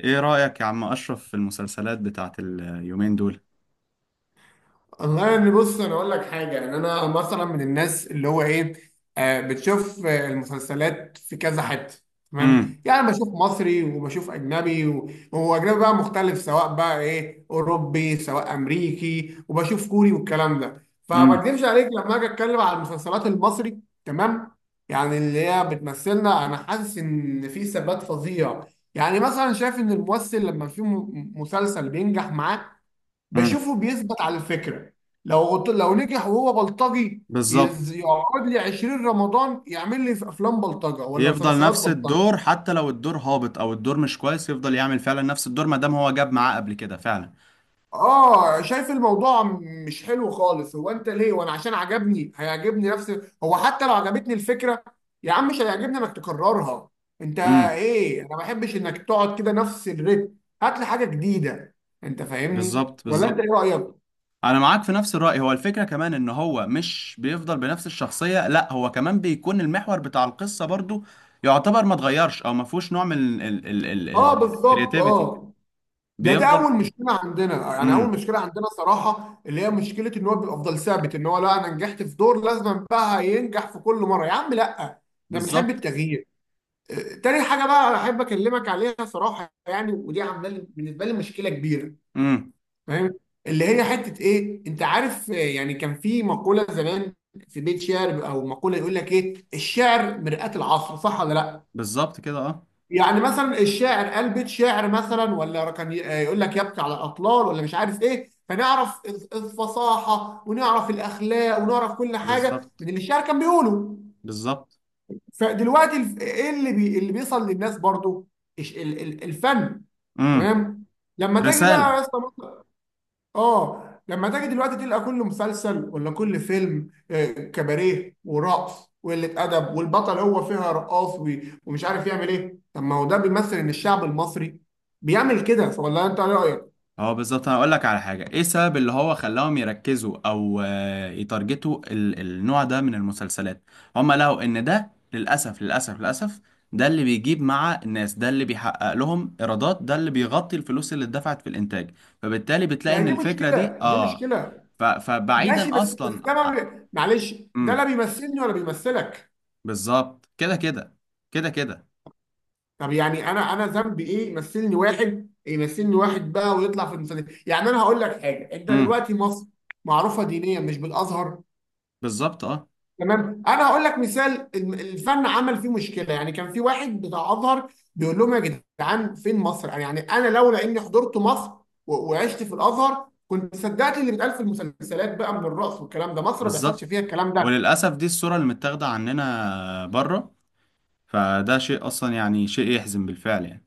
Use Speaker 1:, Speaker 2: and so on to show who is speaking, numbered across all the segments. Speaker 1: ايه رأيك يا عم اشرف في المسلسلات بتاعت اليومين دول؟
Speaker 2: والله يعني بص، انا اقول لك حاجه. ان انا مثلا من الناس اللي هو ايه، بتشوف. المسلسلات في كذا حته. تمام
Speaker 1: امم.
Speaker 2: يعني بشوف مصري وبشوف اجنبي وهو اجنبي بقى مختلف، سواء بقى ايه اوروبي سواء امريكي، وبشوف كوري والكلام ده. فما
Speaker 1: امم.
Speaker 2: اكذبش عليك لما اجي اتكلم على المسلسلات المصري. تمام. يعني اللي هي بتمثلنا انا حاسس ان في ثبات فظيع. يعني مثلا شايف ان الممثل لما في مسلسل بينجح معاه
Speaker 1: امم.
Speaker 2: بشوفه بيثبت على الفكره. لو نجح وهو بلطجي
Speaker 1: بالظبط.
Speaker 2: يقعد لي 20 رمضان يعمل لي في افلام بلطجه ولا
Speaker 1: يفضل
Speaker 2: مسلسلات
Speaker 1: نفس
Speaker 2: بلطجه.
Speaker 1: الدور حتى لو الدور هابط او الدور مش كويس، يفضل يعمل فعلا نفس الدور ما دام هو جاب معاه قبل كده فعلا.
Speaker 2: اه، شايف الموضوع مش حلو خالص. هو انت ليه؟ وانا عشان عجبني هيعجبني نفس، هو حتى لو عجبتني الفكره يا عم مش هيعجبني انك تكررها. انت
Speaker 1: امم.
Speaker 2: ايه؟ انا ما بحبش انك تقعد كده نفس الريتم. هات لي حاجه جديده. انت فاهمني
Speaker 1: بالظبط
Speaker 2: ولا انت
Speaker 1: بالظبط،
Speaker 2: ايه رايك؟
Speaker 1: انا معاك في نفس الرأي. هو الفكرة كمان ان هو مش بيفضل بنفس الشخصية، لا هو كمان بيكون المحور بتاع القصة برضو، يعتبر ما اتغيرش او ما فيهوش نوع من
Speaker 2: اه بالظبط
Speaker 1: الكرياتيفيتي.
Speaker 2: اه. ده
Speaker 1: بيفضل.
Speaker 2: اول مشكله عندنا، يعني اول
Speaker 1: امم.
Speaker 2: مشكله عندنا صراحه اللي هي مشكله، ان هو بيبقى افضل ثابت، ان هو لا انا نجحت في دور لازم بقى ينجح في كل مره. يا عم لا، احنا بنحب
Speaker 1: بالظبط.
Speaker 2: التغيير. آه، تاني حاجه بقى انا احب اكلمك عليها صراحه، يعني ودي عامله لي بالنسبه لي مشكله كبيره.
Speaker 1: امم.
Speaker 2: فاهم؟ اللي هي حته ايه، انت عارف، يعني كان في مقوله زمان، في بيت شعر او مقوله، يقول لك ايه، الشعر مرآة العصر، صح ولا لا؟
Speaker 1: بالظبط كده اه.
Speaker 2: يعني مثلا الشاعر قال بيت شعر مثلا، ولا كان يقول لك يبكي على الاطلال ولا مش عارف ايه، فنعرف الفصاحه، ونعرف الاخلاق، ونعرف كل حاجه
Speaker 1: بالظبط
Speaker 2: من اللي الشاعر كان بيقوله.
Speaker 1: بالظبط.
Speaker 2: فدلوقتي ايه اللي بي اللي بيوصل للناس برضو؟ الفن.
Speaker 1: امم.
Speaker 2: تمام. لما تيجي بقى
Speaker 1: رسالة.
Speaker 2: يا اسطى، اه لما تيجي دلوقتي تلقى كل مسلسل ولا كل فيلم، كباريه ورقص وقلة أدب، والبطل هو فيها رقاص ومش عارف يعمل إيه. طب ما هو ده بيمثل إن الشعب المصري بيعمل كده، ولا أنت إيه رأيك؟
Speaker 1: هو بالظبط، انا اقول لك على حاجة، ايه السبب اللي هو خلاهم يركزوا او يتارجتوا النوع ده من المسلسلات؟ هم لقوا ان ده للاسف للاسف للاسف، ده اللي بيجيب مع الناس، ده اللي بيحقق لهم ايرادات، ده اللي بيغطي الفلوس اللي اتدفعت في الانتاج، فبالتالي بتلاقي
Speaker 2: ما هي
Speaker 1: ان
Speaker 2: دي
Speaker 1: الفكرة دي
Speaker 2: مشكلة، دي
Speaker 1: اه.
Speaker 2: مشكلة.
Speaker 1: فبعيدا
Speaker 2: ماشي، بس
Speaker 1: اصلا
Speaker 2: ده ما
Speaker 1: ع-
Speaker 2: بي- معلش، ده لا
Speaker 1: امم.
Speaker 2: بيمثلني ولا بيمثلك.
Speaker 1: بالظبط كده كده. كده كده.
Speaker 2: طب يعني أنا ذنبي إيه؟ يمثلني واحد، يمثلني واحد بقى ويطلع في المسلسل. يعني أنا هقول لك حاجة، أنت
Speaker 1: امم.
Speaker 2: دلوقتي مصر معروفة دينيا مش بالأزهر؟
Speaker 1: بالظبط اه.
Speaker 2: تمام. انا هقول لك مثال، الفن عمل فيه مشكله. يعني كان في واحد بتاع ازهر بيقول لهم يا جدعان، فين مصر؟ يعني يعني انا لولا اني حضرت مصر وعشت في الازهر كنت صدقت اللي بيتقال في المسلسلات، بقى من الرقص والكلام ده. مصر ما بيحصلش
Speaker 1: بالظبط.
Speaker 2: فيها الكلام ده.
Speaker 1: وللأسف دي الصورة اللي متاخدة عننا بره، فده شيء أصلا يعني شيء يحزن بالفعل يعني.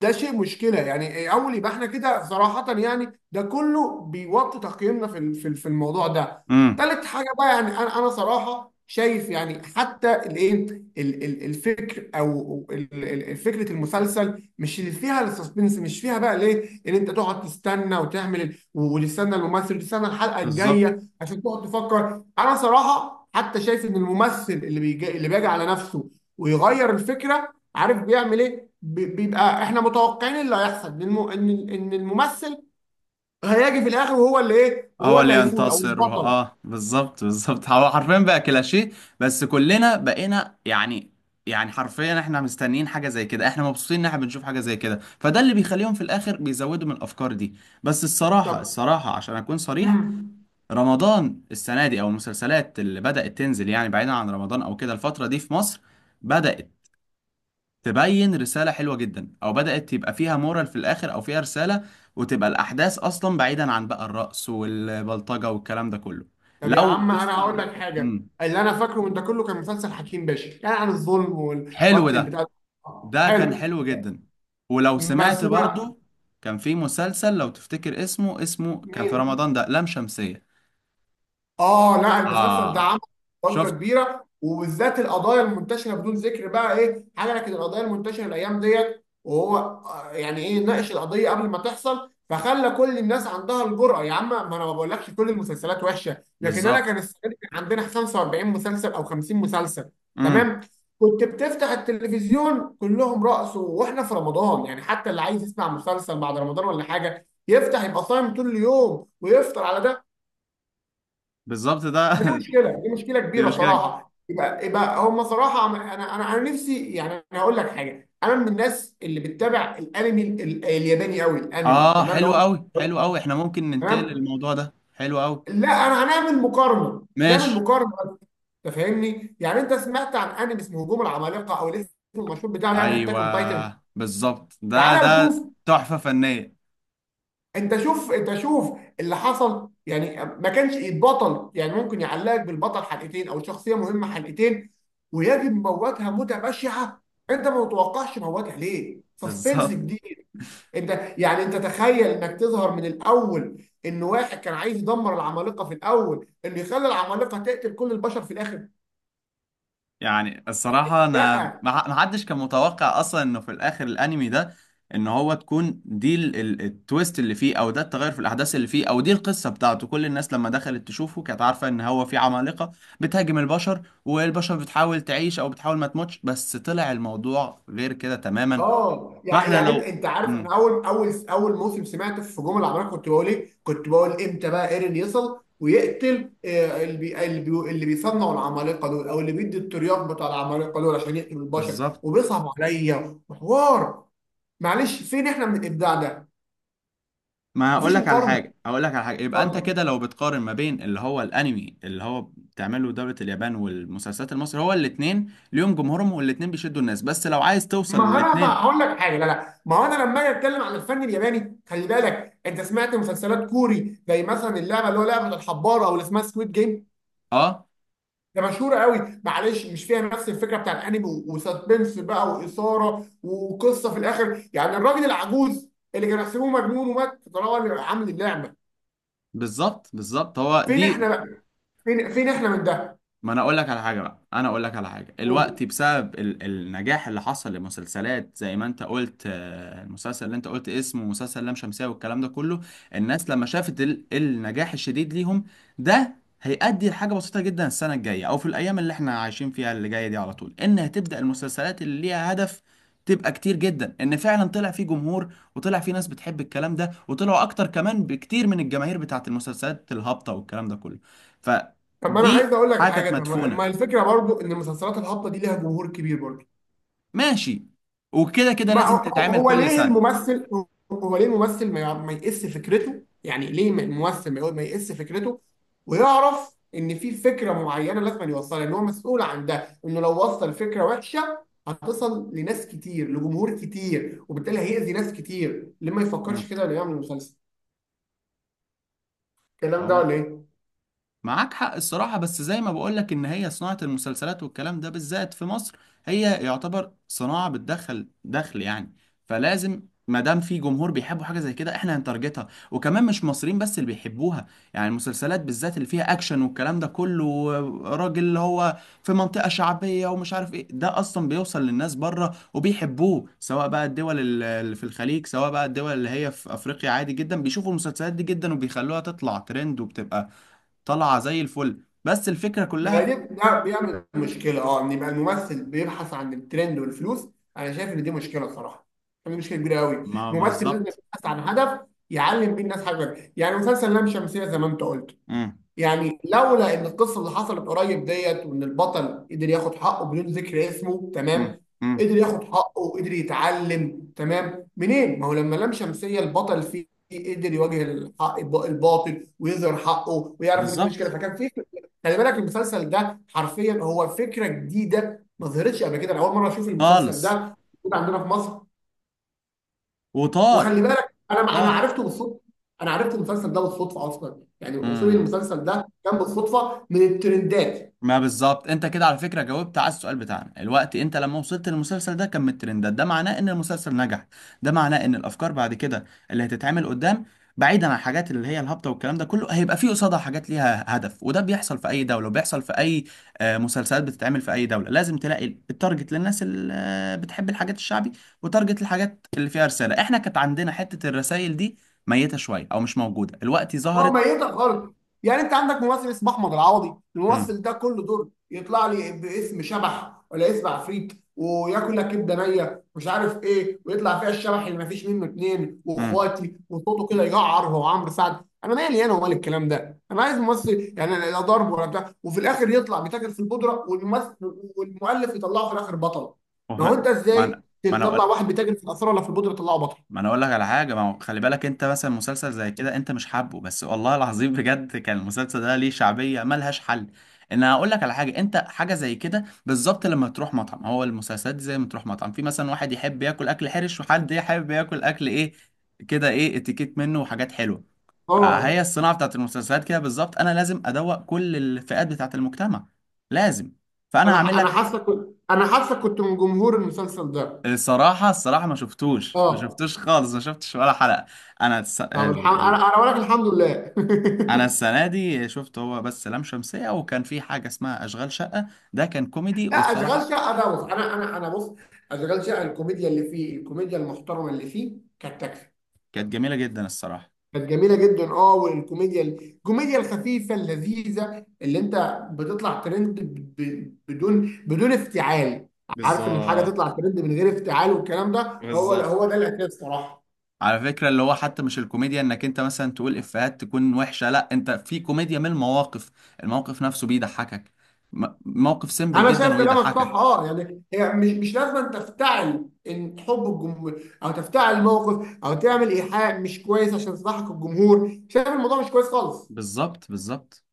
Speaker 2: ده شيء مشكله يعني. اول يبقى احنا كده صراحه، يعني ده كله بيوطي تقييمنا في في الموضوع ده.
Speaker 1: امم.
Speaker 2: تالت حاجه بقى، يعني انا صراحه شايف، يعني حتى الايه، الفكر او فكره المسلسل مش اللي فيها السسبنس، مش فيها بقى ليه ان انت تقعد تستنى وتعمل وتستنى الممثل وتستنى الحلقه
Speaker 1: بالظبط.
Speaker 2: الجايه عشان تقعد تفكر. انا صراحه حتى شايف ان الممثل اللي بيجي، على نفسه ويغير الفكره، عارف بيعمل ايه؟ بيبقى احنا متوقعين إيه اللي هيحصل، ان إن الممثل هيجي في الاخر وهو اللي ايه، وهو
Speaker 1: هو
Speaker 2: اللي
Speaker 1: اللي
Speaker 2: هيفوز او
Speaker 1: ينتصر.
Speaker 2: البطل.
Speaker 1: اه بالظبط بالظبط، هو حرفيا بقى كلاشيه. بس كلنا بقينا يعني، يعني حرفيا احنا مستنيين حاجة زي كده، احنا مبسوطين ان احنا بنشوف حاجة زي كده، فده اللي بيخليهم في الآخر بيزودوا من الأفكار دي. بس الصراحة
Speaker 2: طب،
Speaker 1: الصراحة، عشان أكون صريح،
Speaker 2: امم.
Speaker 1: رمضان السنة دي أو المسلسلات اللي بدأت تنزل يعني بعيدا عن رمضان أو كده الفترة دي في مصر، بدأت تبين رسالة حلوة جدا، او بدأت يبقى فيها مورال في الاخر او فيها رسالة، وتبقى الاحداث اصلا بعيدا عن بقى الرقص والبلطجة والكلام ده كله.
Speaker 2: طب يا
Speaker 1: لو
Speaker 2: عم انا هقول
Speaker 1: تسمع.
Speaker 2: لك حاجه،
Speaker 1: مم.
Speaker 2: اللي انا فاكره من ده كله كان مسلسل حكيم باشا، كان عن الظلم
Speaker 1: حلو
Speaker 2: واكل
Speaker 1: ده،
Speaker 2: البتاع ده.
Speaker 1: ده كان
Speaker 2: حلو.
Speaker 1: حلو جدا. ولو سمعت
Speaker 2: بس بقى،
Speaker 1: برضو، كان في مسلسل لو تفتكر اسمه كان في
Speaker 2: مين؟
Speaker 1: رمضان ده، لام شمسية.
Speaker 2: اه لا، المسلسل ده
Speaker 1: اه
Speaker 2: عمل ضجه
Speaker 1: شفت.
Speaker 2: كبيره، وبالذات القضايا المنتشره، بدون ذكر بقى ايه، حركه القضايا المنتشره الايام ديت، وهو يعني ايه، ناقش القضيه قبل ما تحصل، فخلى كل الناس عندها الجرأه. يا عم ما انا ما بقولكش كل المسلسلات وحشه، لكن انا
Speaker 1: بالظبط.
Speaker 2: كان السنه دي كان عندنا 45 مسلسل او 50 مسلسل.
Speaker 1: امم.
Speaker 2: تمام؟ كنت بتفتح التلفزيون كلهم رقص، واحنا في رمضان يعني، حتى اللي عايز يسمع مسلسل بعد رمضان ولا حاجه، يفتح يبقى صايم طول اليوم ويفطر على ده.
Speaker 1: بالظبط
Speaker 2: فدي
Speaker 1: ده.
Speaker 2: مشكله، دي مشكله
Speaker 1: دي
Speaker 2: كبيره
Speaker 1: مش كده.
Speaker 2: صراحه. يبقى يبقى هم صراحه انا نفسي يعني، انا هقول لك حاجه، انا من الناس اللي بتتابع الانمي الياباني قوي، الانمي.
Speaker 1: اه
Speaker 2: تمام
Speaker 1: حلو
Speaker 2: لو انت
Speaker 1: قوي حلو قوي، احنا ممكن ننتقل
Speaker 2: تمام.
Speaker 1: للموضوع ده، حلو قوي.
Speaker 2: لا، انا هنعمل مقارنه، نعمل
Speaker 1: ماشي.
Speaker 2: مقارنه. انت فاهمني؟ يعني انت سمعت عن انمي اسمه هجوم العمالقه، او الاسم المشهور بتاعه يعني اتاك اون تايتن.
Speaker 1: ايوه بالظبط، ده
Speaker 2: تعالى
Speaker 1: ده
Speaker 2: نشوف،
Speaker 1: تحفه فنيه.
Speaker 2: انت شوف، انت شوف اللي حصل. يعني ما كانش يتبطل، يعني ممكن يعلقك بالبطل حلقتين او شخصيه مهمه حلقتين ويجب موتها موته بشعه. انت ما متوقعش موتها ليه؟ سسبنس
Speaker 1: بالظبط.
Speaker 2: جديد. انت يعني انت تخيل انك تظهر من الاول ان واحد كان عايز يدمر العمالقه، في الاول، انه يخلي العمالقه تقتل كل البشر في الاخر.
Speaker 1: يعني الصراحه انا
Speaker 2: لا.
Speaker 1: ما. ما حدش كان متوقع اصلا انه في الاخر الانمي ده ان هو تكون دي التويست اللي فيه، او ده التغير في الاحداث اللي فيه، او دي القصه بتاعته. كل الناس لما دخلت تشوفه كانت عارفه ان هو في عمالقه بتهاجم البشر والبشر بتحاول تعيش او بتحاول ما تموتش، بس طلع الموضوع غير كده تماما.
Speaker 2: اه، يعني
Speaker 1: فاحنا
Speaker 2: يعني انت،
Speaker 1: لو.
Speaker 2: انت عارف، انا
Speaker 1: امم.
Speaker 2: اول موسم سمعت في هجوم العمالقه كنت بقول ايه؟ كنت بقول امتى بقى ايرين يصل ويقتل، اللي بي اللي بي اللي بيصنعوا العمالقه دول، او اللي بيدي الترياق بتاع العمالقه دول عشان يقتلوا البشر،
Speaker 1: بالظبط.
Speaker 2: وبيصعب عليا وحوار. معلش، فين احنا من الابداع ده؟
Speaker 1: ما اقول
Speaker 2: مفيش
Speaker 1: لك على
Speaker 2: مقارنه.
Speaker 1: حاجه، اقول لك على حاجه، يبقى انت
Speaker 2: اتفضل.
Speaker 1: كده لو بتقارن ما بين اللي هو الانمي اللي هو بتعمله دوله اليابان والمسلسلات المصري، هو الاثنين ليهم جمهورهم والاثنين بيشدوا الناس، بس لو عايز توصل
Speaker 2: ما انا بقى
Speaker 1: للاثنين.
Speaker 2: هقول لك حاجه، لا لا، ما هو انا لما اجي اتكلم عن الفن الياباني، خلي بالك انت سمعت مسلسلات كوري زي مثلا اللعبه اللي هو لعبه الحبار، او اللي اسمها سكويد جيم.
Speaker 1: اه
Speaker 2: ده مشهور قوي. معلش، مش فيها نفس الفكره بتاع الانمي وسسبنس بقى واثاره وقصه في الاخر، يعني الراجل العجوز اللي كان يحسبوه مجنون ومات طالما عامل اللعبه.
Speaker 1: بالظبط بالظبط هو
Speaker 2: فين احنا
Speaker 1: دي.
Speaker 2: بقى، فين فين احنا من ده.
Speaker 1: ما انا اقول لك على حاجه بقى، انا اقول لك على حاجه الوقت،
Speaker 2: قول.
Speaker 1: بسبب النجاح اللي حصل لمسلسلات زي ما انت قلت، المسلسل اللي انت قلت اسمه مسلسل لام شمسية والكلام ده كله. الناس لما شافت النجاح الشديد ليهم، ده هيؤدي لحاجه بسيطه جدا. السنه الجايه او في الايام اللي احنا عايشين فيها اللي جايه دي على طول، ان هتبدا المسلسلات اللي ليها هدف تبقى كتير جدا، ان فعلا طلع فيه جمهور وطلع فيه ناس بتحب الكلام ده، وطلعوا اكتر كمان بكتير من الجماهير بتاعت المسلسلات الهابطه والكلام ده كله.
Speaker 2: طب ما انا
Speaker 1: دي
Speaker 2: عايز اقول لك
Speaker 1: حاجه
Speaker 2: حاجه،
Speaker 1: كانت
Speaker 2: طب ما
Speaker 1: مدفونه.
Speaker 2: ما الفكره برضو ان المسلسلات الهابطه دي ليها جمهور كبير برضو.
Speaker 1: ماشي. وكده كده
Speaker 2: ما هو،
Speaker 1: لازم
Speaker 2: هو
Speaker 1: تتعمل
Speaker 2: هو
Speaker 1: كل
Speaker 2: ليه
Speaker 1: سنه.
Speaker 2: الممثل، هو ليه الممثل ما يقس فكرته، يعني ليه الممثل ما يقس فكرته ويعرف ان في فكره معينه لازم يوصلها، ان هو مسؤول عن ده، انه لو وصل فكره وحشه هتصل لناس كتير، لجمهور كتير، وبالتالي هيأذي ناس كتير. ليه ما
Speaker 1: مم.
Speaker 2: يفكرش كده ولا يعمل مسلسل الكلام ده
Speaker 1: هو
Speaker 2: ولا ايه؟
Speaker 1: معاك حق الصراحة، بس زي ما بقولك إن هي صناعة المسلسلات والكلام ده بالذات في مصر، هي يعتبر صناعة بتدخل دخل يعني، فلازم. ما دام في جمهور بيحبوا حاجة زي كده احنا هنتارجتها، وكمان مش مصريين بس اللي بيحبوها. يعني المسلسلات بالذات اللي فيها أكشن والكلام ده كله، راجل اللي هو في منطقة شعبية ومش عارف ايه، ده أصلا بيوصل للناس بره وبيحبوه، سواء بقى الدول اللي في الخليج، سواء بقى الدول اللي هي في أفريقيا، عادي جدا بيشوفوا المسلسلات دي جدا وبيخلوها تطلع ترند وبتبقى طالعه زي الفل، بس الفكره
Speaker 2: يعني
Speaker 1: كلها.
Speaker 2: دي ده بيعمل مشكلة اه، ان يبقى الممثل بيبحث عن الترند والفلوس. انا شايف ان دي مشكلة صراحة، دي مشكلة كبيرة قوي.
Speaker 1: ما
Speaker 2: الممثل لازم
Speaker 1: بالظبط.
Speaker 2: يبحث عن هدف يعلم بيه الناس حاجة. يعني مسلسل لام شمسية زي ما انت قلت،
Speaker 1: امم
Speaker 2: يعني لولا ان القصه اللي حصلت قريب ديت، وان البطل قدر ياخد حقه بدون ذكر اسمه
Speaker 1: امم
Speaker 2: تمام،
Speaker 1: امم.
Speaker 2: قدر ياخد حقه، قدر يتعلم تمام، منين؟ ما هو لما لام شمسيه البطل فيه قدر يواجه الحق، الباطل، ويظهر حقه ويعرف ان في مشكله،
Speaker 1: بالظبط.
Speaker 2: فكان في. خلي بالك المسلسل ده حرفيا هو فكره جديده ما ظهرتش قبل كده. انا اول مره اشوف المسلسل ده
Speaker 1: خالص.
Speaker 2: موجود عندنا في مصر.
Speaker 1: وطار.
Speaker 2: وخلي بالك انا انا
Speaker 1: طار.
Speaker 2: عرفته بالصدفه، انا عرفت المسلسل ده بالصدفه اصلا. يعني وصولي
Speaker 1: امم.
Speaker 2: للمسلسل ده كان بالصدفه من الترندات.
Speaker 1: ما بالظبط، انت كده على فكره جاوبت على السؤال بتاعنا الوقت. انت لما وصلت للمسلسل ده كان من الترندات، ده معناه ان المسلسل نجح، ده معناه ان الافكار بعد كده اللي هتتعمل قدام، بعيدا عن الحاجات اللي هي الهابطه والكلام ده كله، هيبقى فيه قصادها حاجات ليها هدف، وده بيحصل في اي دوله، وبيحصل في اي مسلسلات بتتعمل في اي دوله. لازم تلاقي التارجت للناس اللي بتحب الحاجات الشعبي، وتارجت الحاجات اللي فيها رساله. احنا كانت عندنا حته الرسائل دي ميته شويه او مش موجوده، الوقت
Speaker 2: هو
Speaker 1: ظهرت.
Speaker 2: ميتة خالص. يعني انت عندك ممثل اسمه احمد العوضي،
Speaker 1: امم.
Speaker 2: الممثل ده كل دور يطلع لي باسم شبح ولا اسم عفريت وياكل لك كبده نيه مش عارف ايه، ويطلع فيها الشبح اللي ما فيش منه اتنين
Speaker 1: امم.
Speaker 2: واخواتي وصوته كده يقعر، هو عمرو سعد. انا مالي انا ومال الكلام ده؟ انا عايز ممثل يعني لا ضرب ولا بتاع، وفي الاخر يطلع بيتاجر في البودره، والممثل والمؤلف يطلعه في الاخر بطل. ما هو انت
Speaker 1: ما
Speaker 2: ازاي
Speaker 1: انا ما
Speaker 2: تطلع
Speaker 1: انا
Speaker 2: واحد بيتاجر في الاثار ولا في البودره تطلعه بطل؟
Speaker 1: ما انا اقول لك على حاجه، ما هو خلي بالك انت مثلا مسلسل زي كده انت مش حابه، بس والله العظيم بجد كان المسلسل ده ليه شعبيه ملهاش حل. ان انا اقول لك على حاجه، انت حاجه زي كده بالظبط، لما تروح مطعم، هو المسلسلات دي زي ما تروح مطعم، في مثلا واحد يحب ياكل اكل حرش، وحد يحب ياكل اكل ايه كده، ايه اتيكيت منه وحاجات حلوه. فهي
Speaker 2: اه.
Speaker 1: الصناعه بتاعت المسلسلات كده بالظبط، انا لازم ادوق كل الفئات بتاعت المجتمع، لازم. فانا هعمل
Speaker 2: انا
Speaker 1: لك.
Speaker 2: حاسك، انا حاسك كنت من جمهور المسلسل ده.
Speaker 1: الصراحه الصراحه ما شفتوش ما
Speaker 2: اه.
Speaker 1: شفتوش خالص، ما شفتش ولا حلقه. انا الس-
Speaker 2: طب الحمد، انا
Speaker 1: ال-
Speaker 2: انا اقول لك الحمد لله.
Speaker 1: انا السنه دي شفت هو بس لام شمسية، وكان في حاجة اسمها اشغال شقة، ده كان كوميدي
Speaker 2: لا اشغال
Speaker 1: والصراحة
Speaker 2: شقه ده، بص انا، انا بص، اشغال شقه الكوميديا اللي فيه، الكوميديا المحترمه اللي فيه كانت تكفي.
Speaker 1: كانت جميلة جدا الصراحة.
Speaker 2: كانت جميله جدا اه، والكوميديا، الكوميديا الخفيفه اللذيذه اللي انت بتطلع ترند بدون افتعال. عارف ان الحاجه
Speaker 1: بالظبط
Speaker 2: تطلع ترند من غير افتعال، والكلام ده، هو
Speaker 1: بالظبط.
Speaker 2: هو ده الاساس صراحه.
Speaker 1: على فكرة اللي هو حتى مش الكوميديا انك انت مثلا تقول افيهات تكون وحشة، لا انت في كوميديا من المواقف، الموقف نفسه بيضحكك م- موقف سيمبل
Speaker 2: انا
Speaker 1: جدا
Speaker 2: شايف كلامك صح
Speaker 1: ويضحكك.
Speaker 2: اه. يعني هي مش لازم أن تفتعل ان حب الجمهور، او تفتعل الموقف، او تعمل ايحاء مش كويس عشان تصلحك الجمهور. شايف الموضوع مش كويس خالص.
Speaker 1: بالظبط بالظبط.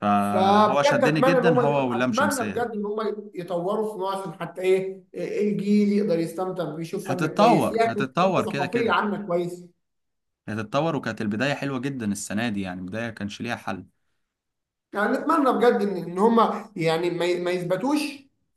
Speaker 1: فهو
Speaker 2: فبجد
Speaker 1: شدني
Speaker 2: اتمنى ان
Speaker 1: جدا
Speaker 2: هم
Speaker 1: هو واللام
Speaker 2: اتمنى
Speaker 1: شمسية
Speaker 2: بجد
Speaker 1: ده.
Speaker 2: ان هم يطوروا في نوع، عشان حتى ايه، إيه الجيل يقدر يستمتع ويشوف فن كويس
Speaker 1: هتتطور
Speaker 2: يعكس
Speaker 1: هتتطور كده
Speaker 2: الثقافيه
Speaker 1: كده.
Speaker 2: عامه كويس.
Speaker 1: هتتطور، وكانت البداية حلوة جدا السنة دي، يعني بداية كانش ليها حل.
Speaker 2: يعني نتمنى بجد ان ان هم يعني ما يثبتوش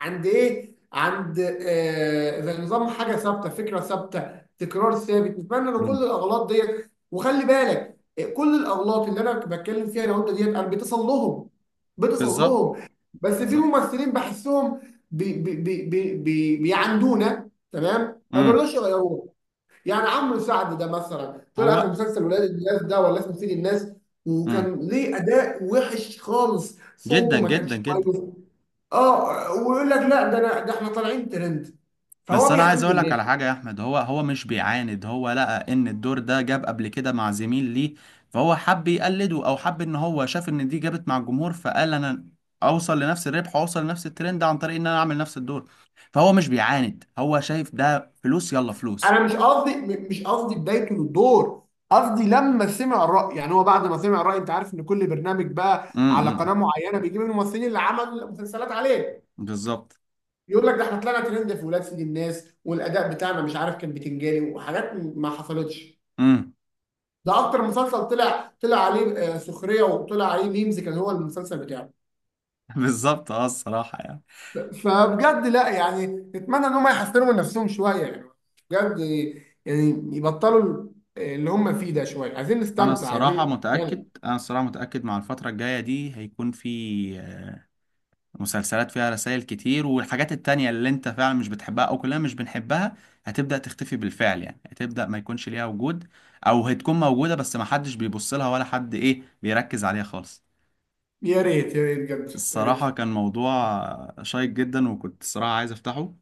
Speaker 2: عند ايه، عند زي نظام حاجه ثابته، فكره ثابته، تكرار ثابت. نتمنى ان كل الاغلاط ديت، وخلي بالك كل الاغلاط اللي انا بتكلم فيها لو انت ديت انا بتصل لهم، بتصل
Speaker 1: بالظبط
Speaker 2: لهم، بس في
Speaker 1: بالظبط.
Speaker 2: ممثلين بحسهم بي بي بي بي بي بيعندونا تمام، ما
Speaker 1: امم.
Speaker 2: بيرضوش يغيروها. يعني عمرو سعد ده مثلا طلع في
Speaker 1: هو.
Speaker 2: مسلسل ولاد الناس، ده ولا اسمه سيد الناس،
Speaker 1: امم.
Speaker 2: وكان ليه اداء وحش خالص، صوته
Speaker 1: جدا
Speaker 2: ما
Speaker 1: جدا
Speaker 2: كانش
Speaker 1: جدا.
Speaker 2: كويس اه. ويقول لك لا، ده انا، ده احنا طالعين ترند. فهو
Speaker 1: بس انا عايز
Speaker 2: بيحد
Speaker 1: اقول لك
Speaker 2: الناس.
Speaker 1: على حاجه يا احمد، هو مش بيعاند، هو لقى ان الدور ده جاب قبل كده مع زميل ليه، فهو حب يقلده او حب ان هو شاف ان دي جابت مع الجمهور، فقال انا اوصل لنفس الربح، اوصل لنفس الترند عن طريق ان انا اعمل نفس الدور. فهو مش بيعاند، هو شايف ده فلوس يلا فلوس.
Speaker 2: انا مش قصدي مش قصدي بدايته للدور، قصدي لما سمع الراي، يعني هو بعد ما سمع الراي، انت عارف ان كل برنامج بقى
Speaker 1: امم.
Speaker 2: على
Speaker 1: امم.
Speaker 2: قناه معينه بيجيب الممثلين اللي عمل مسلسلات عليه
Speaker 1: بالظبط.
Speaker 2: يقول لك، ده احنا طلعنا ترند في ولاد سيد الناس، والاداء بتاعنا مش عارف كان بتنجاني، وحاجات ما حصلتش.
Speaker 1: امم.
Speaker 2: ده اكتر مسلسل طلع عليه سخريه، وطلع عليه ميمز، كان هو المسلسل بتاعه.
Speaker 1: بالظبط اه الصراحه يعني.
Speaker 2: فبجد لا، يعني نتمنى ان هم يحسنوا من نفسهم شويه، يعني بجد، يعني يبطلوا اللي هم فيه ده شويه. عايزين
Speaker 1: انا
Speaker 2: نستمتع،
Speaker 1: الصراحه
Speaker 2: عايزين
Speaker 1: متاكد،
Speaker 2: يعني.
Speaker 1: انا الصراحه متاكد، مع الفتره الجايه دي هيكون في مسلسلات فيها رسائل كتير، والحاجات التانية اللي انت فعلا مش بتحبها او كلنا مش بنحبها هتبدا تختفي بالفعل، يعني هتبدا ما يكونش ليها وجود، او هتكون موجوده بس ما حدش بيبص لها ولا حد ايه بيركز عليها خالص.
Speaker 2: يا ريت، يا ريت بجد، يا
Speaker 1: الصراحه
Speaker 2: ريت.
Speaker 1: كان موضوع شيق جدا، وكنت الصراحه عايز افتحه،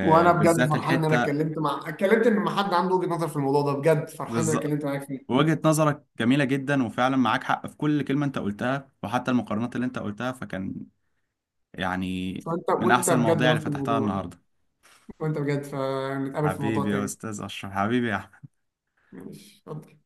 Speaker 2: وانا بجد فرحان ان انا
Speaker 1: الحته.
Speaker 2: اتكلمت مع، اتكلمت ان ما حد عنده وجهه نظر في الموضوع ده. بجد فرحان ان انا
Speaker 1: بالظبط.
Speaker 2: اتكلمت معاك فيه.
Speaker 1: وجهة نظرك جميلة جدا، وفعلا معاك حق في كل كلمة انت قلتها، وحتى المقارنات اللي انت قلتها فكان يعني
Speaker 2: فانت،
Speaker 1: من
Speaker 2: وانت
Speaker 1: أحسن
Speaker 2: بجد
Speaker 1: المواضيع
Speaker 2: نفس
Speaker 1: اللي فتحتها
Speaker 2: الموضوع،
Speaker 1: النهاردة.
Speaker 2: وانت بجد فنتقابل في موضوع
Speaker 1: حبيبي يا
Speaker 2: تاني.
Speaker 1: أستاذ أشرف، حبيبي يا أحمد.
Speaker 2: ماشي، اتفضل.